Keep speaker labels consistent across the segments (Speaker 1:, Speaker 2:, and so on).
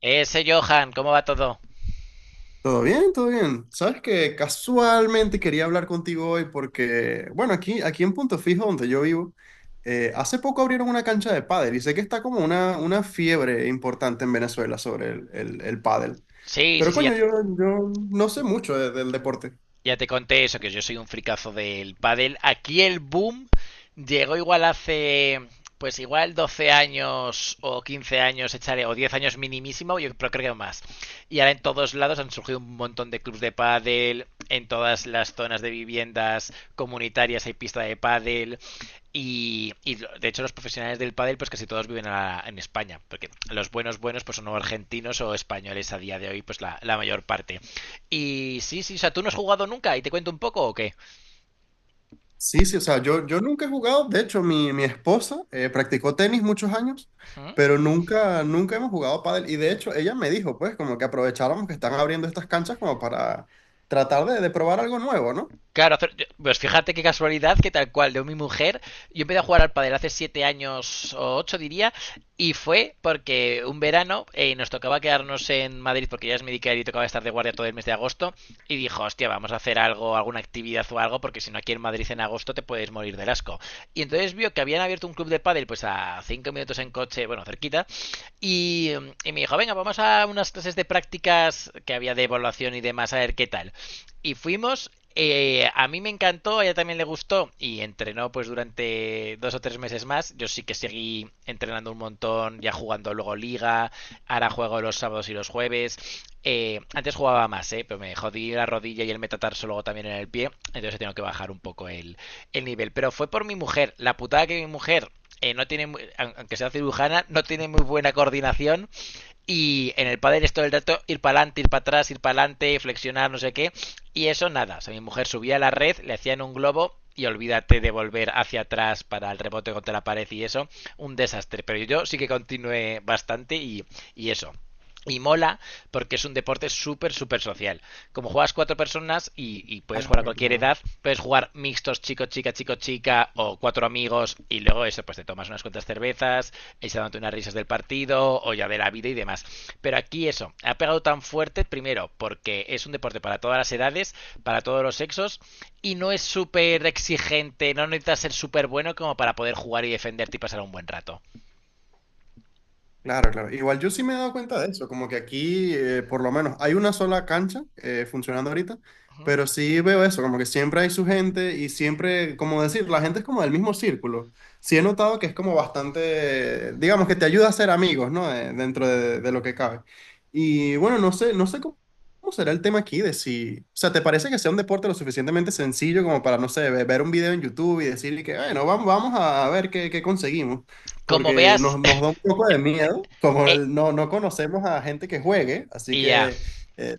Speaker 1: Ese Johan, ¿cómo va todo?
Speaker 2: Todo bien, todo bien. Sabes que casualmente quería hablar contigo hoy porque, bueno, aquí en Punto Fijo, donde yo vivo, hace poco abrieron una cancha de pádel y sé que está como una fiebre importante en Venezuela sobre el pádel.
Speaker 1: Sí, sí,
Speaker 2: Pero
Speaker 1: sí, ya.
Speaker 2: coño, yo no sé mucho del deporte.
Speaker 1: Ya te conté eso, que yo soy un fricazo del pádel. Aquí el boom llegó igual hace, pues igual 12 años o 15 años, echaré, o 10 años minimísimo, yo pero creo que más. Y ahora en todos lados han surgido un montón de clubs de pádel, en todas las zonas de viviendas comunitarias hay pista de pádel. Y de hecho los profesionales del pádel pues casi todos viven en España, porque los buenos buenos pues son argentinos o españoles a día de hoy, pues la mayor parte. Y sí, sí, o sea, ¿tú no has jugado nunca y te cuento un poco o qué?
Speaker 2: Sí, sí, o sea, yo nunca he jugado. De hecho, mi esposa practicó tenis muchos años,
Speaker 1: ¿Mm?
Speaker 2: pero nunca hemos jugado pádel, y de hecho, ella me dijo, pues, como que aprovecháramos que están abriendo estas canchas como para tratar de probar algo nuevo, ¿no?
Speaker 1: Claro, pues fíjate qué casualidad que tal cual, de mi mujer, yo empecé a jugar al pádel hace 7 años u 8 diría, y fue porque un verano nos tocaba quedarnos en Madrid porque ella es médica y tocaba estar de guardia todo el mes de agosto, y dijo, hostia, vamos a hacer algo, alguna actividad o algo, porque si no aquí en Madrid en agosto te puedes morir del asco. Y entonces vio que habían abierto un club de pádel pues a 5 minutos en coche, bueno, cerquita, y, y me dijo, venga, vamos a unas clases de prácticas que había de evaluación y demás, a ver qué tal, y fuimos. A mí me encantó, a ella también le gustó y entrenó pues durante 2 o 3 meses más. Yo sí que seguí entrenando un montón, ya jugando luego liga, ahora juego los sábados y los jueves. Antes jugaba más, ¿eh? Pero me jodí la rodilla y el metatarso luego también en el pie, entonces tengo que bajar un poco el nivel. Pero fue por mi mujer. La putada, que mi mujer no tiene, aunque sea cirujana, no tiene muy buena coordinación, y en el pádel es todo el rato ir para adelante, ir para atrás, ir para adelante, flexionar, no sé qué. Y eso nada. O sea, mi mujer subía a la red, le hacían un globo y olvídate de volver hacia atrás para el rebote contra la pared y eso. Un desastre. Pero yo sí que continué bastante, y eso. Y mola, porque es un deporte súper, súper social. Como juegas cuatro personas y puedes jugar a
Speaker 2: Claro,
Speaker 1: cualquier
Speaker 2: claro.
Speaker 1: edad, puedes jugar mixtos chico, chica, chico, chica, o cuatro amigos, y luego eso, pues te tomas unas cuantas cervezas, y se dando unas risas del partido o ya de la vida y demás. Pero aquí eso, ha pegado tan fuerte, primero, porque es un deporte para todas las edades, para todos los sexos, y no es súper exigente, no necesitas ser súper bueno como para poder jugar y defenderte y pasar un buen rato.
Speaker 2: Claro, claro. Igual yo sí me he dado cuenta de eso, como que aquí por lo menos hay una sola cancha funcionando ahorita, pero sí veo eso, como que siempre hay su gente y siempre, como decir, la gente es como del mismo círculo. Sí he notado que es como bastante, digamos que te ayuda a ser amigos, ¿no? Dentro de lo que cabe. Y bueno, no sé, no sé cómo, ¿cómo será el tema aquí de si, o sea, te parece que sea un deporte lo suficientemente sencillo como para, no sé, ver un video en YouTube y decirle que, bueno, vamos, vamos a ver qué, qué conseguimos?
Speaker 1: Como
Speaker 2: Porque
Speaker 1: veas...
Speaker 2: nos da un poco de
Speaker 1: eh,
Speaker 2: miedo, como
Speaker 1: eh,
Speaker 2: no, no conocemos a gente que juegue, así
Speaker 1: y ya.
Speaker 2: que, eh,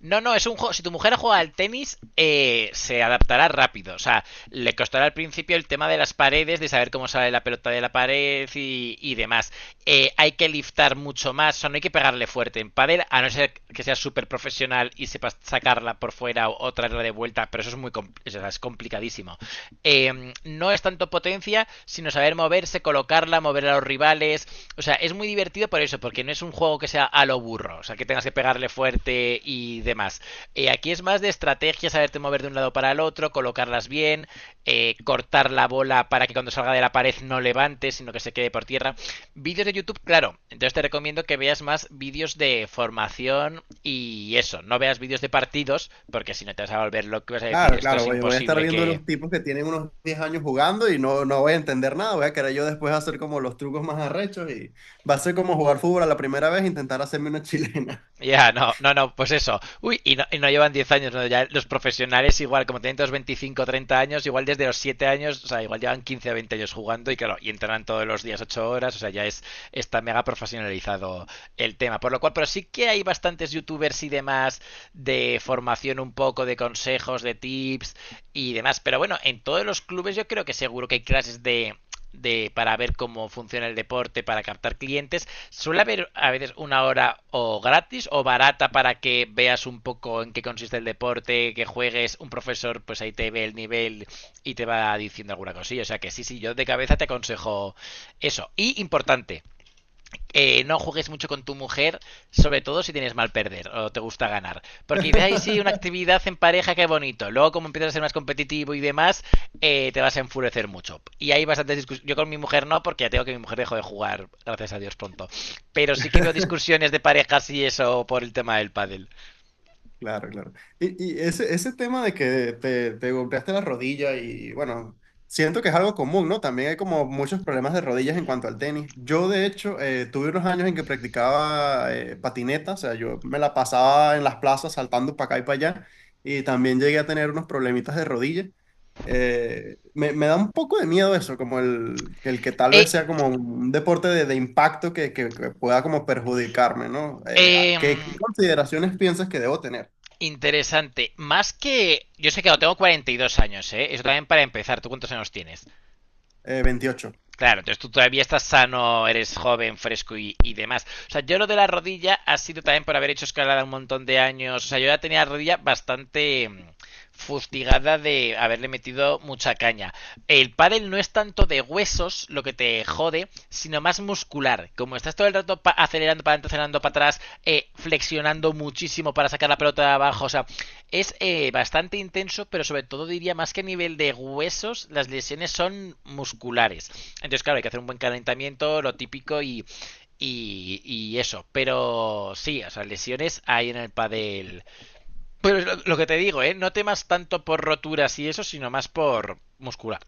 Speaker 1: No, no, es un juego. Si tu mujer juega al tenis, se adaptará rápido. O sea, le costará al principio el tema de las paredes, de saber cómo sale la pelota de la pared y demás. Hay que liftar mucho más, o sea, no hay que pegarle fuerte en padel, a no ser que sea súper profesional y sepas sacarla por fuera o traerla de vuelta, pero eso es muy compl eso es complicadísimo. No es tanto potencia, sino saber moverse, colocarla, mover a los rivales, o sea, es muy divertido por eso, porque no es un juego que sea a lo burro, o sea, que tengas que pegarle fuerte y demás. Aquí es más de estrategia, saberte mover de un lado para el otro, colocarlas bien, cortar la bola para que cuando salga de la pared no levante, sino que se quede por tierra. Vídeos de YouTube, claro. Entonces te recomiendo que veas más vídeos de formación y eso. No veas vídeos de partidos, porque si no te vas a volver lo que vas a decir.
Speaker 2: claro,
Speaker 1: Esto
Speaker 2: claro,
Speaker 1: es
Speaker 2: voy, voy a estar
Speaker 1: imposible
Speaker 2: viendo
Speaker 1: que...
Speaker 2: unos tipos que tienen unos 10 años jugando y no, no voy a entender nada, voy a querer yo después hacer como los trucos más arrechos y va a ser como jugar fútbol a la primera vez e intentar hacerme una chilena.
Speaker 1: Ya, no, no, no, pues eso. Uy, y no, llevan 10 años, ¿no? Ya los profesionales igual, como tienen todos 25, 30 años, igual desde los 7 años, o sea, igual llevan 15 a 20 años jugando, y claro, y entrenan todos los días 8 horas, o sea, ya es, está mega profesionalizado el tema. Por lo cual, pero sí que hay bastantes youtubers y demás de formación un poco, de consejos, de tips y demás. Pero bueno, en todos los clubes yo creo que seguro que hay clases de para ver cómo funciona el deporte, para captar clientes. Suele haber a veces una hora o gratis o barata para que veas un poco en qué consiste el deporte, que juegues, un profesor pues ahí te ve el nivel y te va diciendo alguna cosilla. O sea que sí, sí, yo de cabeza te aconsejo eso. Y importante, no juegues mucho con tu mujer, sobre todo si tienes mal perder o te gusta ganar. Porque dices, ay, sí, una actividad en pareja, qué bonito. Luego, como empiezas a ser más competitivo y demás, te vas a enfurecer mucho. Y hay bastantes discusiones. Yo con mi mujer no, porque ya tengo que mi mujer dejó de jugar, gracias a Dios, pronto. Pero sí que veo discusiones de parejas y eso por el tema del pádel.
Speaker 2: Claro, claro. Y ese, ese tema de que te golpeaste la rodilla y bueno, siento que es algo común, ¿no? También hay como muchos problemas de rodillas en cuanto al tenis. Yo, de hecho, tuve unos años en que practicaba patineta, o sea, yo me la pasaba en las plazas saltando para acá y para allá y también llegué a tener unos problemitas de rodilla. Me da un poco de miedo eso, como el que tal
Speaker 1: Eh,
Speaker 2: vez sea como un deporte de impacto que, que pueda como perjudicarme, ¿no?
Speaker 1: eh,
Speaker 2: ¿Qué, qué consideraciones piensas que debo tener?
Speaker 1: interesante. Más que... Yo sé que no, tengo 42 años, ¿eh? Eso también para empezar. ¿Tú cuántos años tienes?
Speaker 2: 28.
Speaker 1: Claro, entonces tú todavía estás sano, eres joven, fresco y demás. O sea, yo lo de la rodilla ha sido también por haber hecho escalada un montón de años. O sea, yo ya tenía la rodilla bastante fustigada de haberle metido mucha caña. El pádel no es tanto de huesos lo que te jode, sino más muscular. Como estás todo el rato acelerando para adelante, acelerando para atrás, flexionando muchísimo para sacar la pelota de abajo. O sea, es bastante intenso, pero sobre todo diría, más que a nivel de huesos, las lesiones son musculares. Entonces, claro, hay que hacer un buen calentamiento, lo típico y eso. Pero sí, o sea, lesiones hay en el pádel. Pero lo que te digo, ¿eh? No temas tanto por roturas y eso, sino más por muscular.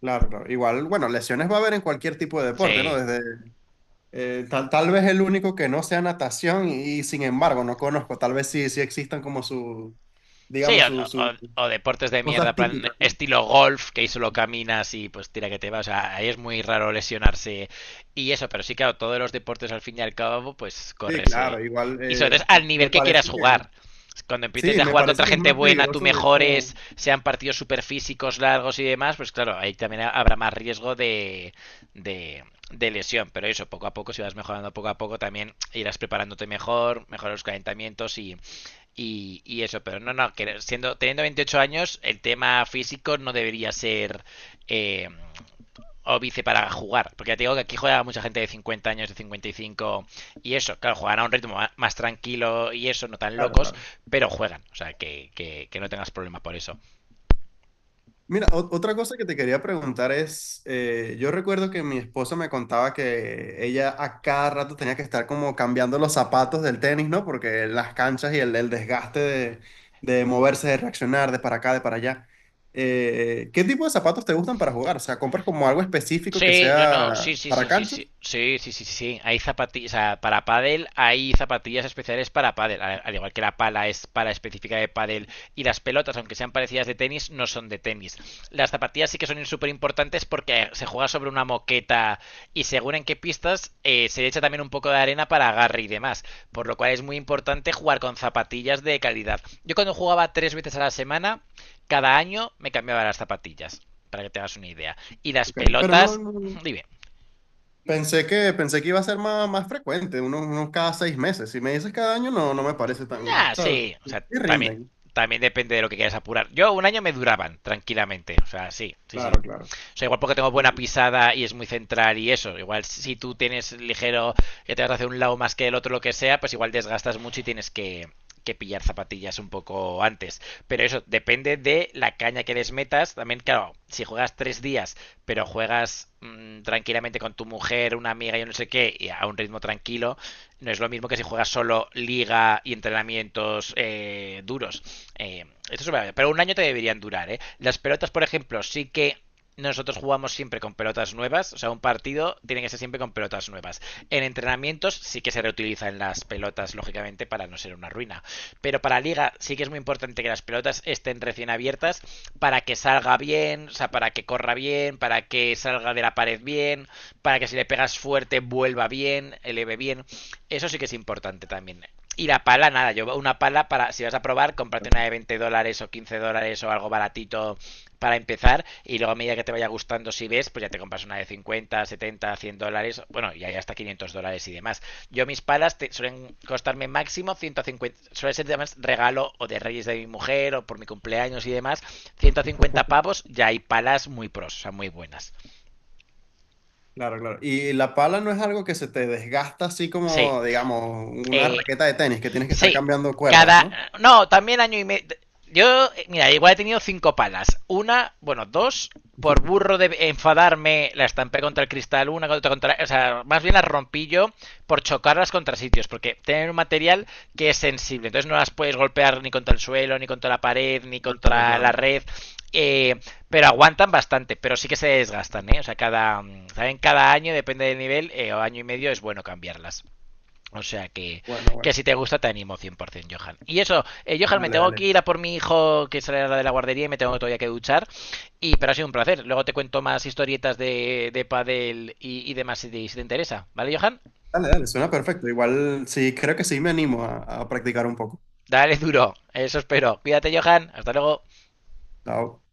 Speaker 2: Claro, claro. Igual, bueno, lesiones va a haber en cualquier tipo de deporte,
Speaker 1: Sí.
Speaker 2: ¿no? Desde, tal, tal vez el único que no sea natación y, sin embargo no conozco, tal vez sí, sí existan como su,
Speaker 1: Sí.
Speaker 2: digamos,
Speaker 1: o,
Speaker 2: su-
Speaker 1: o- o deportes de mierda,
Speaker 2: cosas
Speaker 1: plan
Speaker 2: típicas, ¿no?
Speaker 1: estilo golf, que ahí solo caminas y pues tira que te va. O sea, ahí es muy raro lesionarse y eso, pero sí, claro, todos los deportes al fin y al cabo, pues
Speaker 2: Sí,
Speaker 1: corres.
Speaker 2: claro, igual
Speaker 1: Y sobre todo es al nivel
Speaker 2: me
Speaker 1: que
Speaker 2: parece
Speaker 1: quieras
Speaker 2: que,
Speaker 1: jugar. Cuando empieces
Speaker 2: sí,
Speaker 1: a
Speaker 2: me
Speaker 1: jugar contra
Speaker 2: parece que es
Speaker 1: gente
Speaker 2: más
Speaker 1: buena, tú
Speaker 2: peligroso, de hecho,
Speaker 1: mejores, sean partidos super físicos, largos y demás, pues claro, ahí también habrá más riesgo de, de lesión. Pero eso, poco a poco, si vas mejorando poco a poco, también irás preparándote mejor, mejorar los calentamientos y eso, pero no, no, que siendo, teniendo 28 años, el tema físico no debería ser eh, óbice para jugar. Porque ya te digo que aquí juega mucha gente de 50 años, de 55 y cinco, y eso. Claro, juegan a un ritmo más, más tranquilo y eso, no tan
Speaker 2: claro,
Speaker 1: locos,
Speaker 2: claro.
Speaker 1: pero juegan. O sea, que no tengas problema por eso.
Speaker 2: Mira, otra cosa que te quería preguntar es, yo recuerdo que mi esposa me contaba que ella a cada rato tenía que estar como cambiando los zapatos del tenis, ¿no? Porque las canchas y el desgaste de moverse, de reaccionar, de para acá, de para allá. ¿Qué tipo de zapatos te gustan para jugar? O sea, ¿compras como algo específico que
Speaker 1: Sí, no, no, sí,
Speaker 2: sea
Speaker 1: sí,
Speaker 2: para
Speaker 1: sí, sí,
Speaker 2: canchas?
Speaker 1: sí, sí, sí, sí, sí. Hay zapatillas, o sea, para pádel hay zapatillas especiales para pádel, al igual que la pala es para específica de pádel, y las pelotas, aunque sean parecidas de tenis, no son de tenis. Las zapatillas sí que son súper importantes porque se juega sobre una moqueta, y según en qué pistas se le echa también un poco de arena para agarre y demás, por lo cual es muy importante jugar con zapatillas de calidad. Yo cuando jugaba tres veces a la semana, cada año me cambiaba las zapatillas, para que te hagas una idea. Y las
Speaker 2: Ok, pero no,
Speaker 1: pelotas,
Speaker 2: no, no.
Speaker 1: dime.
Speaker 2: Pensé que iba a ser más, más frecuente, unos, unos cada 6 meses. Si me dices cada año, no, no me parece tan, o
Speaker 1: Ah,
Speaker 2: sea,
Speaker 1: sí. O
Speaker 2: sí
Speaker 1: sea, también,
Speaker 2: rinden.
Speaker 1: también depende de lo que quieras apurar. Yo un año me duraban, tranquilamente. O sea, sí, sí, sí.
Speaker 2: Claro,
Speaker 1: O
Speaker 2: claro.
Speaker 1: sea, igual porque tengo buena pisada y es muy central y eso. Igual si tú tienes ligero, que te vas hacia un lado más que el otro, lo que sea, pues igual desgastas mucho y tienes que pillar zapatillas un poco antes. Pero eso depende de la caña que les metas. También, claro, si juegas tres días, pero juegas tranquilamente con tu mujer, una amiga, yo no sé qué, y a un ritmo tranquilo, no es lo mismo que si juegas solo liga y entrenamientos duros. Esto es una... Pero un año te deberían durar, ¿eh? Las pelotas, por ejemplo, sí que nosotros jugamos siempre con pelotas nuevas, o sea, un partido tiene que ser siempre con pelotas nuevas. En entrenamientos sí que se reutilizan las pelotas, lógicamente, para no ser una ruina. Pero para liga sí que es muy importante que las pelotas estén recién abiertas, para que salga bien, o sea, para que corra bien, para que salga de la pared bien, para que si le pegas fuerte vuelva bien, eleve bien. Eso sí que es importante también. Y la pala, nada, yo una pala para, si vas a probar, comprarte una de $20 o $15 o algo baratito para empezar, y luego a medida que te vaya gustando, si ves, pues ya te compras una de 50, 70, $100. Bueno, y hay hasta $500 y demás. Yo mis palas suelen costarme máximo 150, suele ser además regalo o de reyes de mi mujer o por mi cumpleaños y demás. 150 pavos, ya hay palas muy pros, o sea muy buenas.
Speaker 2: Claro, claro. Y la pala no es algo que se te desgasta así
Speaker 1: Sí.
Speaker 2: como, digamos, una
Speaker 1: eh,
Speaker 2: raqueta de tenis, que tienes que estar
Speaker 1: Sí,
Speaker 2: cambiando cuerdas,
Speaker 1: cada...
Speaker 2: ¿no?
Speaker 1: No, también año y medio. Yo, mira, igual he tenido cinco palas. Una, bueno, dos, por burro de enfadarme, la estampé contra el cristal, una contra, contra o sea, más bien las rompí yo por chocarlas contra sitios, porque tienen un material que es sensible, entonces no las puedes golpear ni contra el suelo, ni contra la pared, ni
Speaker 2: Claro,
Speaker 1: contra la
Speaker 2: claro.
Speaker 1: red. eh, pero aguantan bastante, pero sí que se desgastan, ¿eh? O sea, cada, ¿saben? Cada año, depende del nivel, o año y medio es bueno cambiarlas. O sea
Speaker 2: Bueno,
Speaker 1: que
Speaker 2: bueno.
Speaker 1: si te gusta te animo 100%, Johan. Y eso, Johan, me
Speaker 2: Dale,
Speaker 1: tengo que
Speaker 2: dale.
Speaker 1: ir a por mi hijo que sale de la guardería y me tengo todavía que duchar. Y, pero ha sido un placer. Luego te cuento más historietas de pádel y demás, si te, si te interesa. ¿Vale, Johan?
Speaker 2: Dale, dale, suena perfecto. Igual sí, creo que sí me animo a practicar un poco.
Speaker 1: Dale duro. Eso espero. Cuídate, Johan. Hasta luego.
Speaker 2: Chao.